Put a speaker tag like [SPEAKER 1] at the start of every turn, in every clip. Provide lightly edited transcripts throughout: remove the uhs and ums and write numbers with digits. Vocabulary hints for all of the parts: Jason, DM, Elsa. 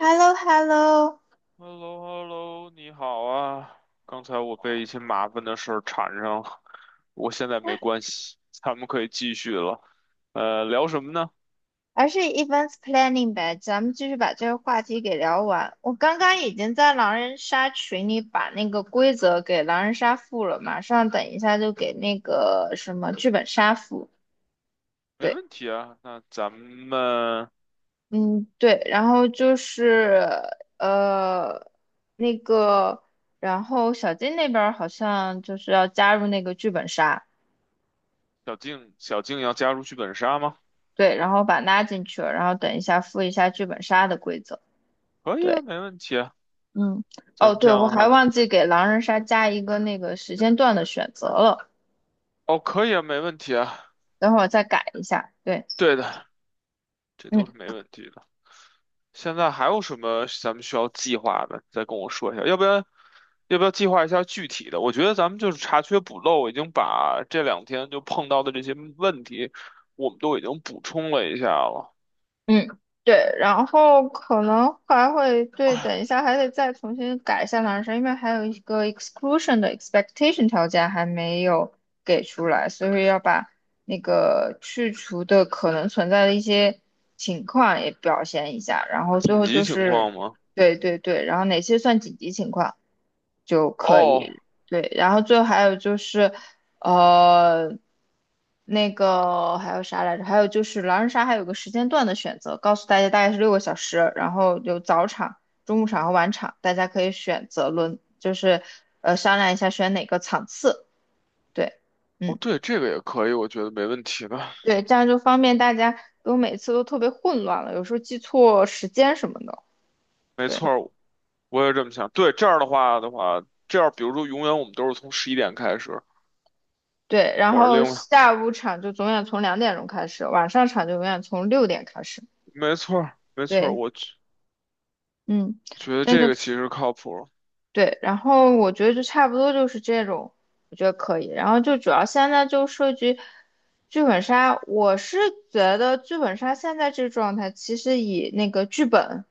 [SPEAKER 1] h e l l o h e l l o
[SPEAKER 2] h e l l o h e l l o 你好啊！刚才我被一些麻烦的事儿缠上了，我现在没关系，咱们可以继续了。聊什么呢？
[SPEAKER 1] 而是 events planning 呗，咱们继续把这个话题给聊完。我刚刚已经在狼人杀群里把那个规则给狼人杀附了，马上等一下就给那个什么剧本杀附。
[SPEAKER 2] 没
[SPEAKER 1] 对。
[SPEAKER 2] 问题啊。那咱们
[SPEAKER 1] 嗯，对，然后就是呃那个,然后小金那边儿好像就是要加入那个剧本杀。
[SPEAKER 2] 小静，小静要加入剧本杀吗？
[SPEAKER 1] 对，然后把拉进去了，然后等一下附一下剧本杀的规则。
[SPEAKER 2] 可以啊，
[SPEAKER 1] 对。
[SPEAKER 2] 没问题啊。
[SPEAKER 1] 嗯。
[SPEAKER 2] 咱
[SPEAKER 1] 哦，
[SPEAKER 2] 们这
[SPEAKER 1] 对，
[SPEAKER 2] 样
[SPEAKER 1] 我
[SPEAKER 2] 的
[SPEAKER 1] 还
[SPEAKER 2] 话，
[SPEAKER 1] 忘记给狼人杀加一个那个时间段的选择了，
[SPEAKER 2] 哦，可以啊，没问题啊。
[SPEAKER 1] 等会儿我再改一下。对。
[SPEAKER 2] 对的，这都是
[SPEAKER 1] 嗯。
[SPEAKER 2] 没问题的。现在还有什么咱们需要计划的？再跟我说一下，要不然要不要计划一下具体的？我觉得咱们就是查缺补漏，已经把这两天就碰到的这些问题，我们都已经补充了一下了。
[SPEAKER 1] 嗯，对，然后可能还会对，等一下还得再重新改一下男生，因为还有一个 exclusion 的 expectation 条件还没有给出来，所以要把那个去除的可能存在的一些情况也表现一下，然后最
[SPEAKER 2] 紧
[SPEAKER 1] 后
[SPEAKER 2] 急
[SPEAKER 1] 就
[SPEAKER 2] 情
[SPEAKER 1] 是，
[SPEAKER 2] 况吗？
[SPEAKER 1] 对对对，然后哪些算紧急情况就可
[SPEAKER 2] 哦，
[SPEAKER 1] 以。对，然后最后还有就是。呃，那个还有啥来着？还有就是狼人杀还有个时间段的选择，告诉大家大概是6个小时，然后有早场、中午场和晚场，大家可以选择轮，就是商量一下选哪个场次。对。
[SPEAKER 2] 哦，
[SPEAKER 1] 嗯，
[SPEAKER 2] 对，这个也可以，我觉得没问题的。
[SPEAKER 1] 对，这样就方便大家，因为每次都特别混乱了，有时候记错时间什么的。
[SPEAKER 2] 没
[SPEAKER 1] 对
[SPEAKER 2] 错儿我也这么想。对，这样的话，这样比如说永远我们都是从十一点开始，
[SPEAKER 1] 对，然
[SPEAKER 2] 我是
[SPEAKER 1] 后
[SPEAKER 2] 另外，
[SPEAKER 1] 下午场就永远从2点钟开始，晚上场就永远从6点开始。
[SPEAKER 2] 没错儿，
[SPEAKER 1] 对。
[SPEAKER 2] 我觉
[SPEAKER 1] 嗯。
[SPEAKER 2] 觉得
[SPEAKER 1] 这样
[SPEAKER 2] 这个
[SPEAKER 1] 就。
[SPEAKER 2] 其实靠谱
[SPEAKER 1] 对，然后我觉得就差不多就是这种，我觉得可以。然后就主要现在就涉及剧本杀，我是觉得剧本杀现在这个状态，其实以那个剧本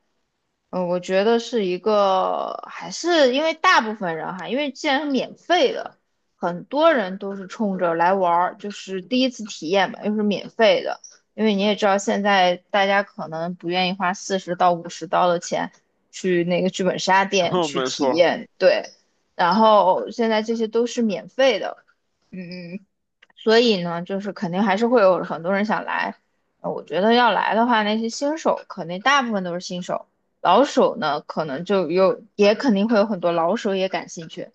[SPEAKER 1] 嗯，我觉得是一个，还是因为大部分人哈，因为既然是免费的，很多人都是冲着来玩儿，就是第一次体验嘛，又是免费的。因为你也知道，现在大家可能不愿意花40到50刀的钱去那个剧本杀店 去
[SPEAKER 2] 没
[SPEAKER 1] 体
[SPEAKER 2] 错儿，
[SPEAKER 1] 验。对。然后现在这些都是免费的。嗯，所以呢，就是肯定还是会有很多人想来。我觉得要来的话，那些新手肯定大部分都是新手，老手呢可能就有，也肯定会有很多老手也感兴趣。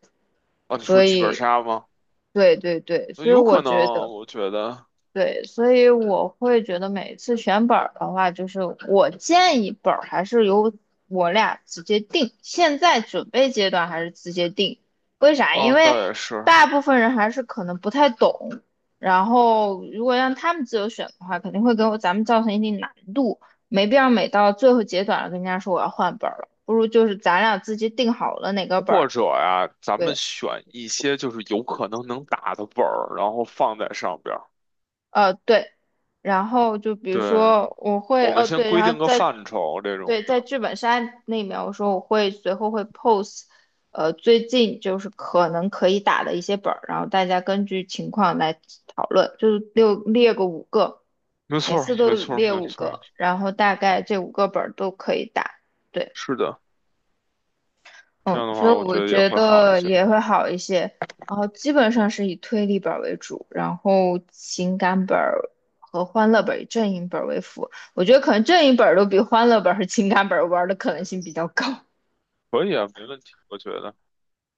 [SPEAKER 2] 啊，你说
[SPEAKER 1] 所
[SPEAKER 2] 剧本
[SPEAKER 1] 以，
[SPEAKER 2] 杀吗？
[SPEAKER 1] 对对对，所以
[SPEAKER 2] 有
[SPEAKER 1] 我
[SPEAKER 2] 可能
[SPEAKER 1] 觉
[SPEAKER 2] 啊，
[SPEAKER 1] 得。
[SPEAKER 2] 我觉得，
[SPEAKER 1] 对，所以我会觉得每次选本儿的话，就是我建议本儿还是由我俩直接定，现在准备阶段还是直接定。为啥？因
[SPEAKER 2] 哦，
[SPEAKER 1] 为
[SPEAKER 2] 倒也是，
[SPEAKER 1] 大部分人还是可能不太懂，然后如果让他们自由选的话，肯定会给我咱们造成一定难度，没必要每到最后阶段了跟人家说我要换本儿了，不如就是咱俩自己定好了哪个本
[SPEAKER 2] 或
[SPEAKER 1] 儿。
[SPEAKER 2] 者呀，咱们
[SPEAKER 1] 对。
[SPEAKER 2] 选一些就是有可能能打的本儿，然后放在上边儿。
[SPEAKER 1] 对，然后就比如
[SPEAKER 2] 对，
[SPEAKER 1] 说我会，
[SPEAKER 2] 我们先
[SPEAKER 1] 对，
[SPEAKER 2] 规
[SPEAKER 1] 然
[SPEAKER 2] 定
[SPEAKER 1] 后
[SPEAKER 2] 个
[SPEAKER 1] 在
[SPEAKER 2] 范畴这种
[SPEAKER 1] 对在
[SPEAKER 2] 的。
[SPEAKER 1] 剧本杀那面，我说我会随后会 p o s e 最近就是可能可以打的一些本儿，然后大家根据情况来讨论，就是六列个五个，
[SPEAKER 2] 没
[SPEAKER 1] 每
[SPEAKER 2] 错
[SPEAKER 1] 次
[SPEAKER 2] 儿，
[SPEAKER 1] 都
[SPEAKER 2] 没错儿，
[SPEAKER 1] 列
[SPEAKER 2] 没
[SPEAKER 1] 五
[SPEAKER 2] 错儿，
[SPEAKER 1] 个，然后大概这五个本儿都可以打。对。
[SPEAKER 2] 是的。这
[SPEAKER 1] 嗯，
[SPEAKER 2] 样的
[SPEAKER 1] 所
[SPEAKER 2] 话，
[SPEAKER 1] 以
[SPEAKER 2] 我觉
[SPEAKER 1] 我
[SPEAKER 2] 得也
[SPEAKER 1] 觉
[SPEAKER 2] 会好一
[SPEAKER 1] 得
[SPEAKER 2] 些。
[SPEAKER 1] 也会好一些。然后基本上是以推理本儿为主，然后情感本儿和欢乐本儿以阵营本儿为辅。我觉得可能阵营本儿都比欢乐本儿和情感本儿玩儿的可能性比较高。
[SPEAKER 2] 可以啊，没问题，我觉得。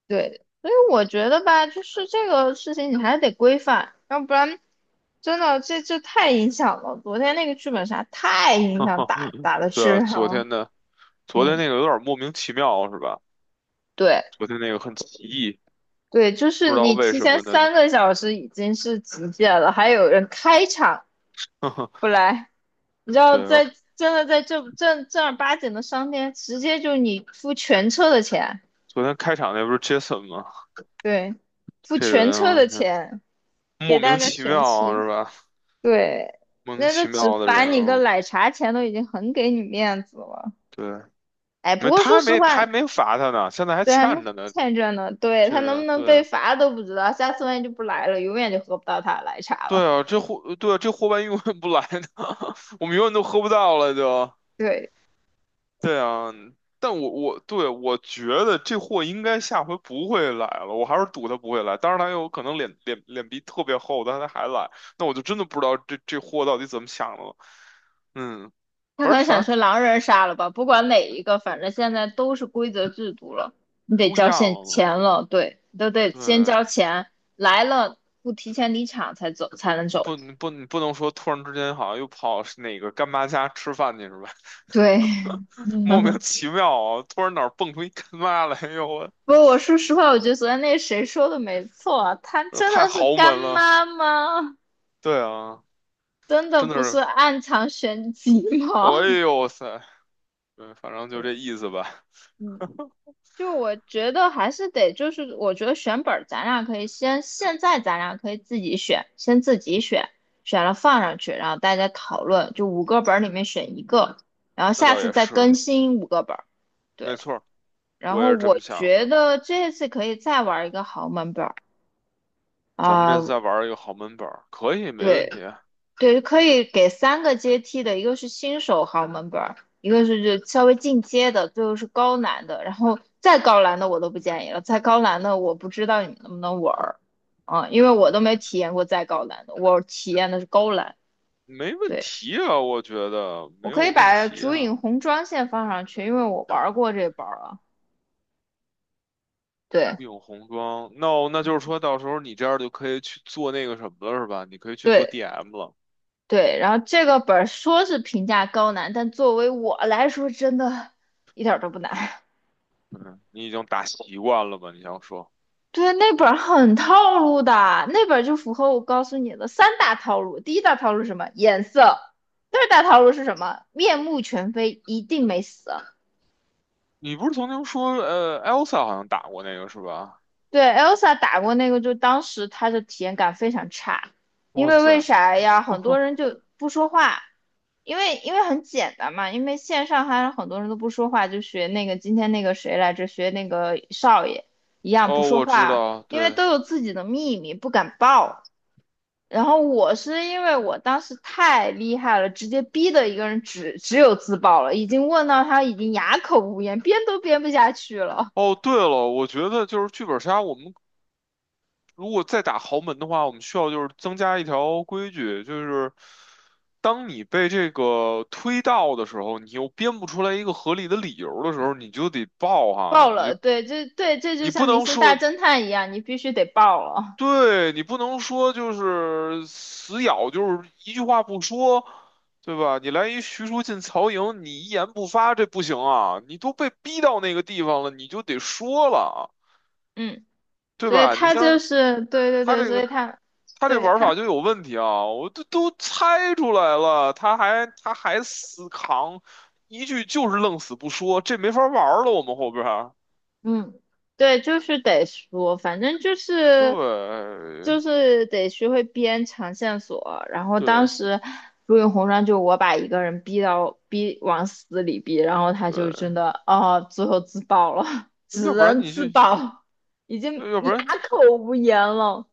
[SPEAKER 1] 对，所以我觉得吧，就是这个事情你还得规范，要不然真的这太影响了。昨天那个剧本杀太影响打 打的
[SPEAKER 2] 对
[SPEAKER 1] 质
[SPEAKER 2] 啊，
[SPEAKER 1] 量
[SPEAKER 2] 昨
[SPEAKER 1] 了。
[SPEAKER 2] 天的，昨天
[SPEAKER 1] 嗯。
[SPEAKER 2] 那个有点莫名其妙，是吧？
[SPEAKER 1] 对。
[SPEAKER 2] 昨天那个很奇异，
[SPEAKER 1] 对，就
[SPEAKER 2] 不
[SPEAKER 1] 是
[SPEAKER 2] 知道
[SPEAKER 1] 你
[SPEAKER 2] 为
[SPEAKER 1] 提
[SPEAKER 2] 什
[SPEAKER 1] 前
[SPEAKER 2] 么的。
[SPEAKER 1] 3个小时已经是极限了，还有人开场不 来，你知道
[SPEAKER 2] 对，
[SPEAKER 1] 在真的在这正正儿八经的商店，直接就你付全车的钱。
[SPEAKER 2] 昨天开场那不是 Jason 吗？
[SPEAKER 1] 对，付
[SPEAKER 2] 这人
[SPEAKER 1] 全车的
[SPEAKER 2] 啊。
[SPEAKER 1] 钱给
[SPEAKER 2] 莫
[SPEAKER 1] 大
[SPEAKER 2] 名
[SPEAKER 1] 家
[SPEAKER 2] 其
[SPEAKER 1] 全
[SPEAKER 2] 妙
[SPEAKER 1] 清。
[SPEAKER 2] 是吧？
[SPEAKER 1] 对，
[SPEAKER 2] 莫名
[SPEAKER 1] 那个
[SPEAKER 2] 其
[SPEAKER 1] 只
[SPEAKER 2] 妙的
[SPEAKER 1] 罚
[SPEAKER 2] 人，
[SPEAKER 1] 你个
[SPEAKER 2] 嗯，
[SPEAKER 1] 奶茶钱都已经很给你面子了。
[SPEAKER 2] 对，
[SPEAKER 1] 哎，不
[SPEAKER 2] 没，
[SPEAKER 1] 过
[SPEAKER 2] 他
[SPEAKER 1] 说
[SPEAKER 2] 还
[SPEAKER 1] 实
[SPEAKER 2] 没，他
[SPEAKER 1] 话。
[SPEAKER 2] 还没罚他呢，现在还
[SPEAKER 1] 对，还没
[SPEAKER 2] 欠着呢。
[SPEAKER 1] 欠着呢。对，
[SPEAKER 2] 这
[SPEAKER 1] 他能不
[SPEAKER 2] 人，
[SPEAKER 1] 能被
[SPEAKER 2] 对，
[SPEAKER 1] 罚都不知道，下次万一就不来了，永远就喝不到他的奶茶
[SPEAKER 2] 对
[SPEAKER 1] 了。
[SPEAKER 2] 啊，这货，对啊，这货万一永远不来呢，我们永远都喝不到了就。
[SPEAKER 1] 对。
[SPEAKER 2] 对啊，但我觉得这货应该下回不会来了，我还是赌他不会来。当然他有可能脸皮特别厚，但他还来，那我就真的不知道这货到底怎么想的了。嗯，
[SPEAKER 1] 他可
[SPEAKER 2] 反正
[SPEAKER 1] 能
[SPEAKER 2] 反
[SPEAKER 1] 想
[SPEAKER 2] 正
[SPEAKER 1] 去狼人杀了吧？不管哪一个，反正现在都是规则制度了，你得
[SPEAKER 2] 都一
[SPEAKER 1] 交
[SPEAKER 2] 样
[SPEAKER 1] 现
[SPEAKER 2] 了嘛。
[SPEAKER 1] 钱了。对，你都得先
[SPEAKER 2] 对，
[SPEAKER 1] 交钱，来了不提前离场才走才能
[SPEAKER 2] 你
[SPEAKER 1] 走。
[SPEAKER 2] 不，你不，你不能说突然之间好像又跑哪个干妈家吃饭去是吧？
[SPEAKER 1] 对，
[SPEAKER 2] 莫名
[SPEAKER 1] 嗯
[SPEAKER 2] 其妙啊，突然哪儿蹦出一干妈来，哎呦我，
[SPEAKER 1] 不过我说实话，我觉得昨天那谁说的没错啊他
[SPEAKER 2] 这
[SPEAKER 1] 真
[SPEAKER 2] 太
[SPEAKER 1] 的是
[SPEAKER 2] 豪
[SPEAKER 1] 干
[SPEAKER 2] 门了。
[SPEAKER 1] 妈吗？
[SPEAKER 2] 对啊，
[SPEAKER 1] 真的
[SPEAKER 2] 真的
[SPEAKER 1] 不是
[SPEAKER 2] 是，
[SPEAKER 1] 暗藏玄机
[SPEAKER 2] 哎
[SPEAKER 1] 吗？
[SPEAKER 2] 呦塞，对，反正 就
[SPEAKER 1] 对。
[SPEAKER 2] 这意思吧。
[SPEAKER 1] 嗯。就我觉得还是得，就是我觉得选本儿，咱俩可以先，现在咱俩可以自己选，先自己选，选了放上去，然后大家讨论，就五个本儿里面选一个，然后
[SPEAKER 2] 那
[SPEAKER 1] 下
[SPEAKER 2] 倒
[SPEAKER 1] 次
[SPEAKER 2] 也
[SPEAKER 1] 再
[SPEAKER 2] 是，
[SPEAKER 1] 更新五个本儿。
[SPEAKER 2] 没
[SPEAKER 1] 对。
[SPEAKER 2] 错儿
[SPEAKER 1] 然
[SPEAKER 2] 我也
[SPEAKER 1] 后
[SPEAKER 2] 是这么
[SPEAKER 1] 我
[SPEAKER 2] 想
[SPEAKER 1] 觉
[SPEAKER 2] 的。
[SPEAKER 1] 得这次可以再玩一个豪门本儿
[SPEAKER 2] 咱们这次
[SPEAKER 1] 啊。
[SPEAKER 2] 再玩一个豪门本儿，可以，没
[SPEAKER 1] 对。
[SPEAKER 2] 问题啊。
[SPEAKER 1] 对，可以给3个阶梯的，一个是新手豪门本儿，一个是就稍微进阶的，最后是高难的，然后再高难的我都不建议了，再高难的我不知道你们能不能玩儿，啊，因为我都
[SPEAKER 2] 嗯，
[SPEAKER 1] 没体验过再高难的，我体验的是高难。
[SPEAKER 2] 没问
[SPEAKER 1] 对，
[SPEAKER 2] 题啊，我觉得
[SPEAKER 1] 我
[SPEAKER 2] 没
[SPEAKER 1] 可
[SPEAKER 2] 有
[SPEAKER 1] 以
[SPEAKER 2] 问
[SPEAKER 1] 把
[SPEAKER 2] 题
[SPEAKER 1] 竹
[SPEAKER 2] 啊。
[SPEAKER 1] 影红妆线放上去，因为我玩儿过这本儿啊。对
[SPEAKER 2] 有红装，o 那就是说到时候你这样就可以去做那个什么了，是吧？你可以去做
[SPEAKER 1] 对
[SPEAKER 2] DM 了，
[SPEAKER 1] 对，然后这个本儿说是评价高难，但作为我来说，真的一点儿都不难。
[SPEAKER 2] 你已经打习惯了吧？你想说，
[SPEAKER 1] 对，那本儿很套路的，那本儿就符合我告诉你的三大套路。第一大套路是什么？颜色。第二大套路是什么？面目全非，一定没死。
[SPEAKER 2] 你不是曾经说，Elsa 好像打过那个是吧？
[SPEAKER 1] 对，Elsa 打过那个，就当时她的体验感非常差，因
[SPEAKER 2] 哇
[SPEAKER 1] 为
[SPEAKER 2] 塞，
[SPEAKER 1] 为啥呀？很多人 就不说话，因为很简单嘛，因为线上还有很多人都不说话，就学那个今天那个谁来着，学那个少爷一样不
[SPEAKER 2] 哦，
[SPEAKER 1] 说
[SPEAKER 2] 我知
[SPEAKER 1] 话，
[SPEAKER 2] 道，
[SPEAKER 1] 因为
[SPEAKER 2] 对，
[SPEAKER 1] 都有自己的秘密，不敢报。然后我是因为我当时太厉害了，直接逼的一个人只有自爆了，已经问到他已经哑口无言，编都编不下去了，
[SPEAKER 2] 哦，对了，我觉得就是剧本杀，我们如果再打豪门的话，我们需要就是增加一条规矩，就是当你被这个推到的时候，你又编不出来一个合理的理由的时候，你就得报
[SPEAKER 1] 爆
[SPEAKER 2] 哈，你
[SPEAKER 1] 了。
[SPEAKER 2] 就
[SPEAKER 1] 对，这就
[SPEAKER 2] 你不
[SPEAKER 1] 像明
[SPEAKER 2] 能
[SPEAKER 1] 星大
[SPEAKER 2] 说
[SPEAKER 1] 侦探一样，你必须得爆了。
[SPEAKER 2] 对你不能说就是死咬，就是一句话不说，对吧？你来一徐庶进曹营，你一言不发，这不行啊！你都被逼到那个地方了，你就得说了啊，
[SPEAKER 1] 嗯，
[SPEAKER 2] 对
[SPEAKER 1] 所以
[SPEAKER 2] 吧？你
[SPEAKER 1] 他就
[SPEAKER 2] 像
[SPEAKER 1] 是对对
[SPEAKER 2] 他
[SPEAKER 1] 对，
[SPEAKER 2] 这
[SPEAKER 1] 所
[SPEAKER 2] 个，
[SPEAKER 1] 以他
[SPEAKER 2] 他这
[SPEAKER 1] 对
[SPEAKER 2] 玩
[SPEAKER 1] 他。
[SPEAKER 2] 法就有问题啊！我都猜出来了，他还死扛，一句就是愣死不说，这没法玩了。我们后边儿
[SPEAKER 1] 嗯，对，就是得说，反正就是就
[SPEAKER 2] 对
[SPEAKER 1] 是得学会编长线索。然后
[SPEAKER 2] 对
[SPEAKER 1] 当时如影红妆，就我把一个人逼到逼往死里逼，然后他就真
[SPEAKER 2] 对，
[SPEAKER 1] 的哦，最后自爆了，
[SPEAKER 2] 要
[SPEAKER 1] 只
[SPEAKER 2] 不然
[SPEAKER 1] 能
[SPEAKER 2] 你
[SPEAKER 1] 自
[SPEAKER 2] 去，
[SPEAKER 1] 爆，已经
[SPEAKER 2] 要不然。
[SPEAKER 1] 哑口无言了。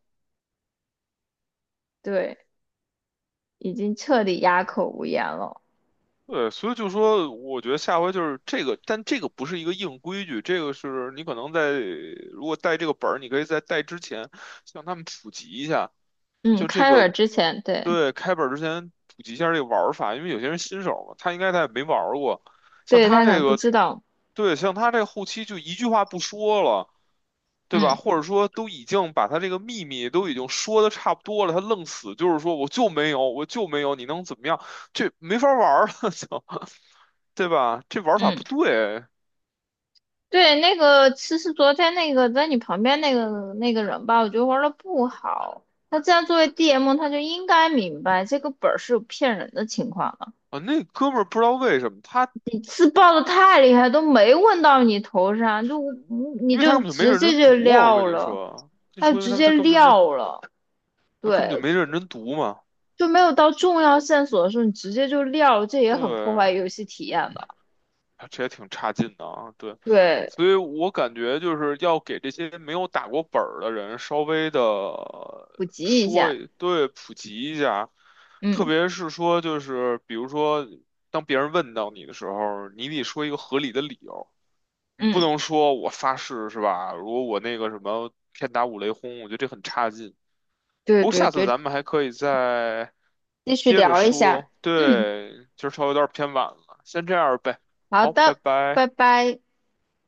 [SPEAKER 1] 对，已经彻底哑口无言了。
[SPEAKER 2] 对，所以就说，我觉得下回就是这个，但这个不是一个硬规矩，这个是你可能在如果带这个本儿，你可以在带之前向他们普及一下，
[SPEAKER 1] 嗯，
[SPEAKER 2] 就这
[SPEAKER 1] 开
[SPEAKER 2] 个，
[SPEAKER 1] 尔之前。对。
[SPEAKER 2] 对，开本儿之前普及一下这个玩儿法，因为有些人新手嘛，他应该他也没玩儿过，像
[SPEAKER 1] 对，
[SPEAKER 2] 他
[SPEAKER 1] 他可
[SPEAKER 2] 这
[SPEAKER 1] 能不
[SPEAKER 2] 个，
[SPEAKER 1] 知道。
[SPEAKER 2] 对，像他这个后期就一句话不说了，对吧？
[SPEAKER 1] 嗯
[SPEAKER 2] 或者说都已经把他这个秘密都已经说的差不多了，他愣死就是说我就没有，我就没有，你能怎么样？这没法玩儿了，就，对吧？这玩法
[SPEAKER 1] 嗯。
[SPEAKER 2] 不对
[SPEAKER 1] 对，那个其实昨天那个在你旁边那个人吧，我觉得玩的不好。他既然作为 DM,他就应该明白这个本儿是有骗人的情况的。
[SPEAKER 2] 啊！那哥们儿不知道为什么他，
[SPEAKER 1] 你自爆的太厉害，都没问到你头上，就你
[SPEAKER 2] 因为他根
[SPEAKER 1] 就
[SPEAKER 2] 本就没
[SPEAKER 1] 直
[SPEAKER 2] 认
[SPEAKER 1] 接
[SPEAKER 2] 真读
[SPEAKER 1] 就
[SPEAKER 2] 啊，我
[SPEAKER 1] 撂
[SPEAKER 2] 跟你
[SPEAKER 1] 了，
[SPEAKER 2] 说，你
[SPEAKER 1] 他
[SPEAKER 2] 说
[SPEAKER 1] 就
[SPEAKER 2] 因为
[SPEAKER 1] 直
[SPEAKER 2] 他
[SPEAKER 1] 接
[SPEAKER 2] 他根本就没
[SPEAKER 1] 撂了。
[SPEAKER 2] 他根本就
[SPEAKER 1] 对，
[SPEAKER 2] 没认真读嘛，
[SPEAKER 1] 就没有到重要线索的时候，你直接就撂了，这也很破
[SPEAKER 2] 对。
[SPEAKER 1] 坏游戏体验的。
[SPEAKER 2] 啊这也挺差劲的啊，对，
[SPEAKER 1] 对，
[SPEAKER 2] 所以我感觉就是要给这些没有打过本儿的人稍微的
[SPEAKER 1] 普及一
[SPEAKER 2] 说
[SPEAKER 1] 下。
[SPEAKER 2] 一对，普及一下，特
[SPEAKER 1] 嗯
[SPEAKER 2] 别是说就是比如说当别人问到你的时候，你得说一个合理的理由，你
[SPEAKER 1] 嗯。
[SPEAKER 2] 不能说我发誓是吧？如果我那个什么天打五雷轰，我觉得这很差劲。
[SPEAKER 1] 对
[SPEAKER 2] 不过
[SPEAKER 1] 对
[SPEAKER 2] 下次
[SPEAKER 1] 对，
[SPEAKER 2] 咱们还可以再
[SPEAKER 1] 继续
[SPEAKER 2] 接着
[SPEAKER 1] 聊一下。
[SPEAKER 2] 说，
[SPEAKER 1] 嗯。
[SPEAKER 2] 对，今儿稍微有点偏晚了，先这样呗，
[SPEAKER 1] 好
[SPEAKER 2] 好，拜
[SPEAKER 1] 的，
[SPEAKER 2] 拜。
[SPEAKER 1] 拜拜。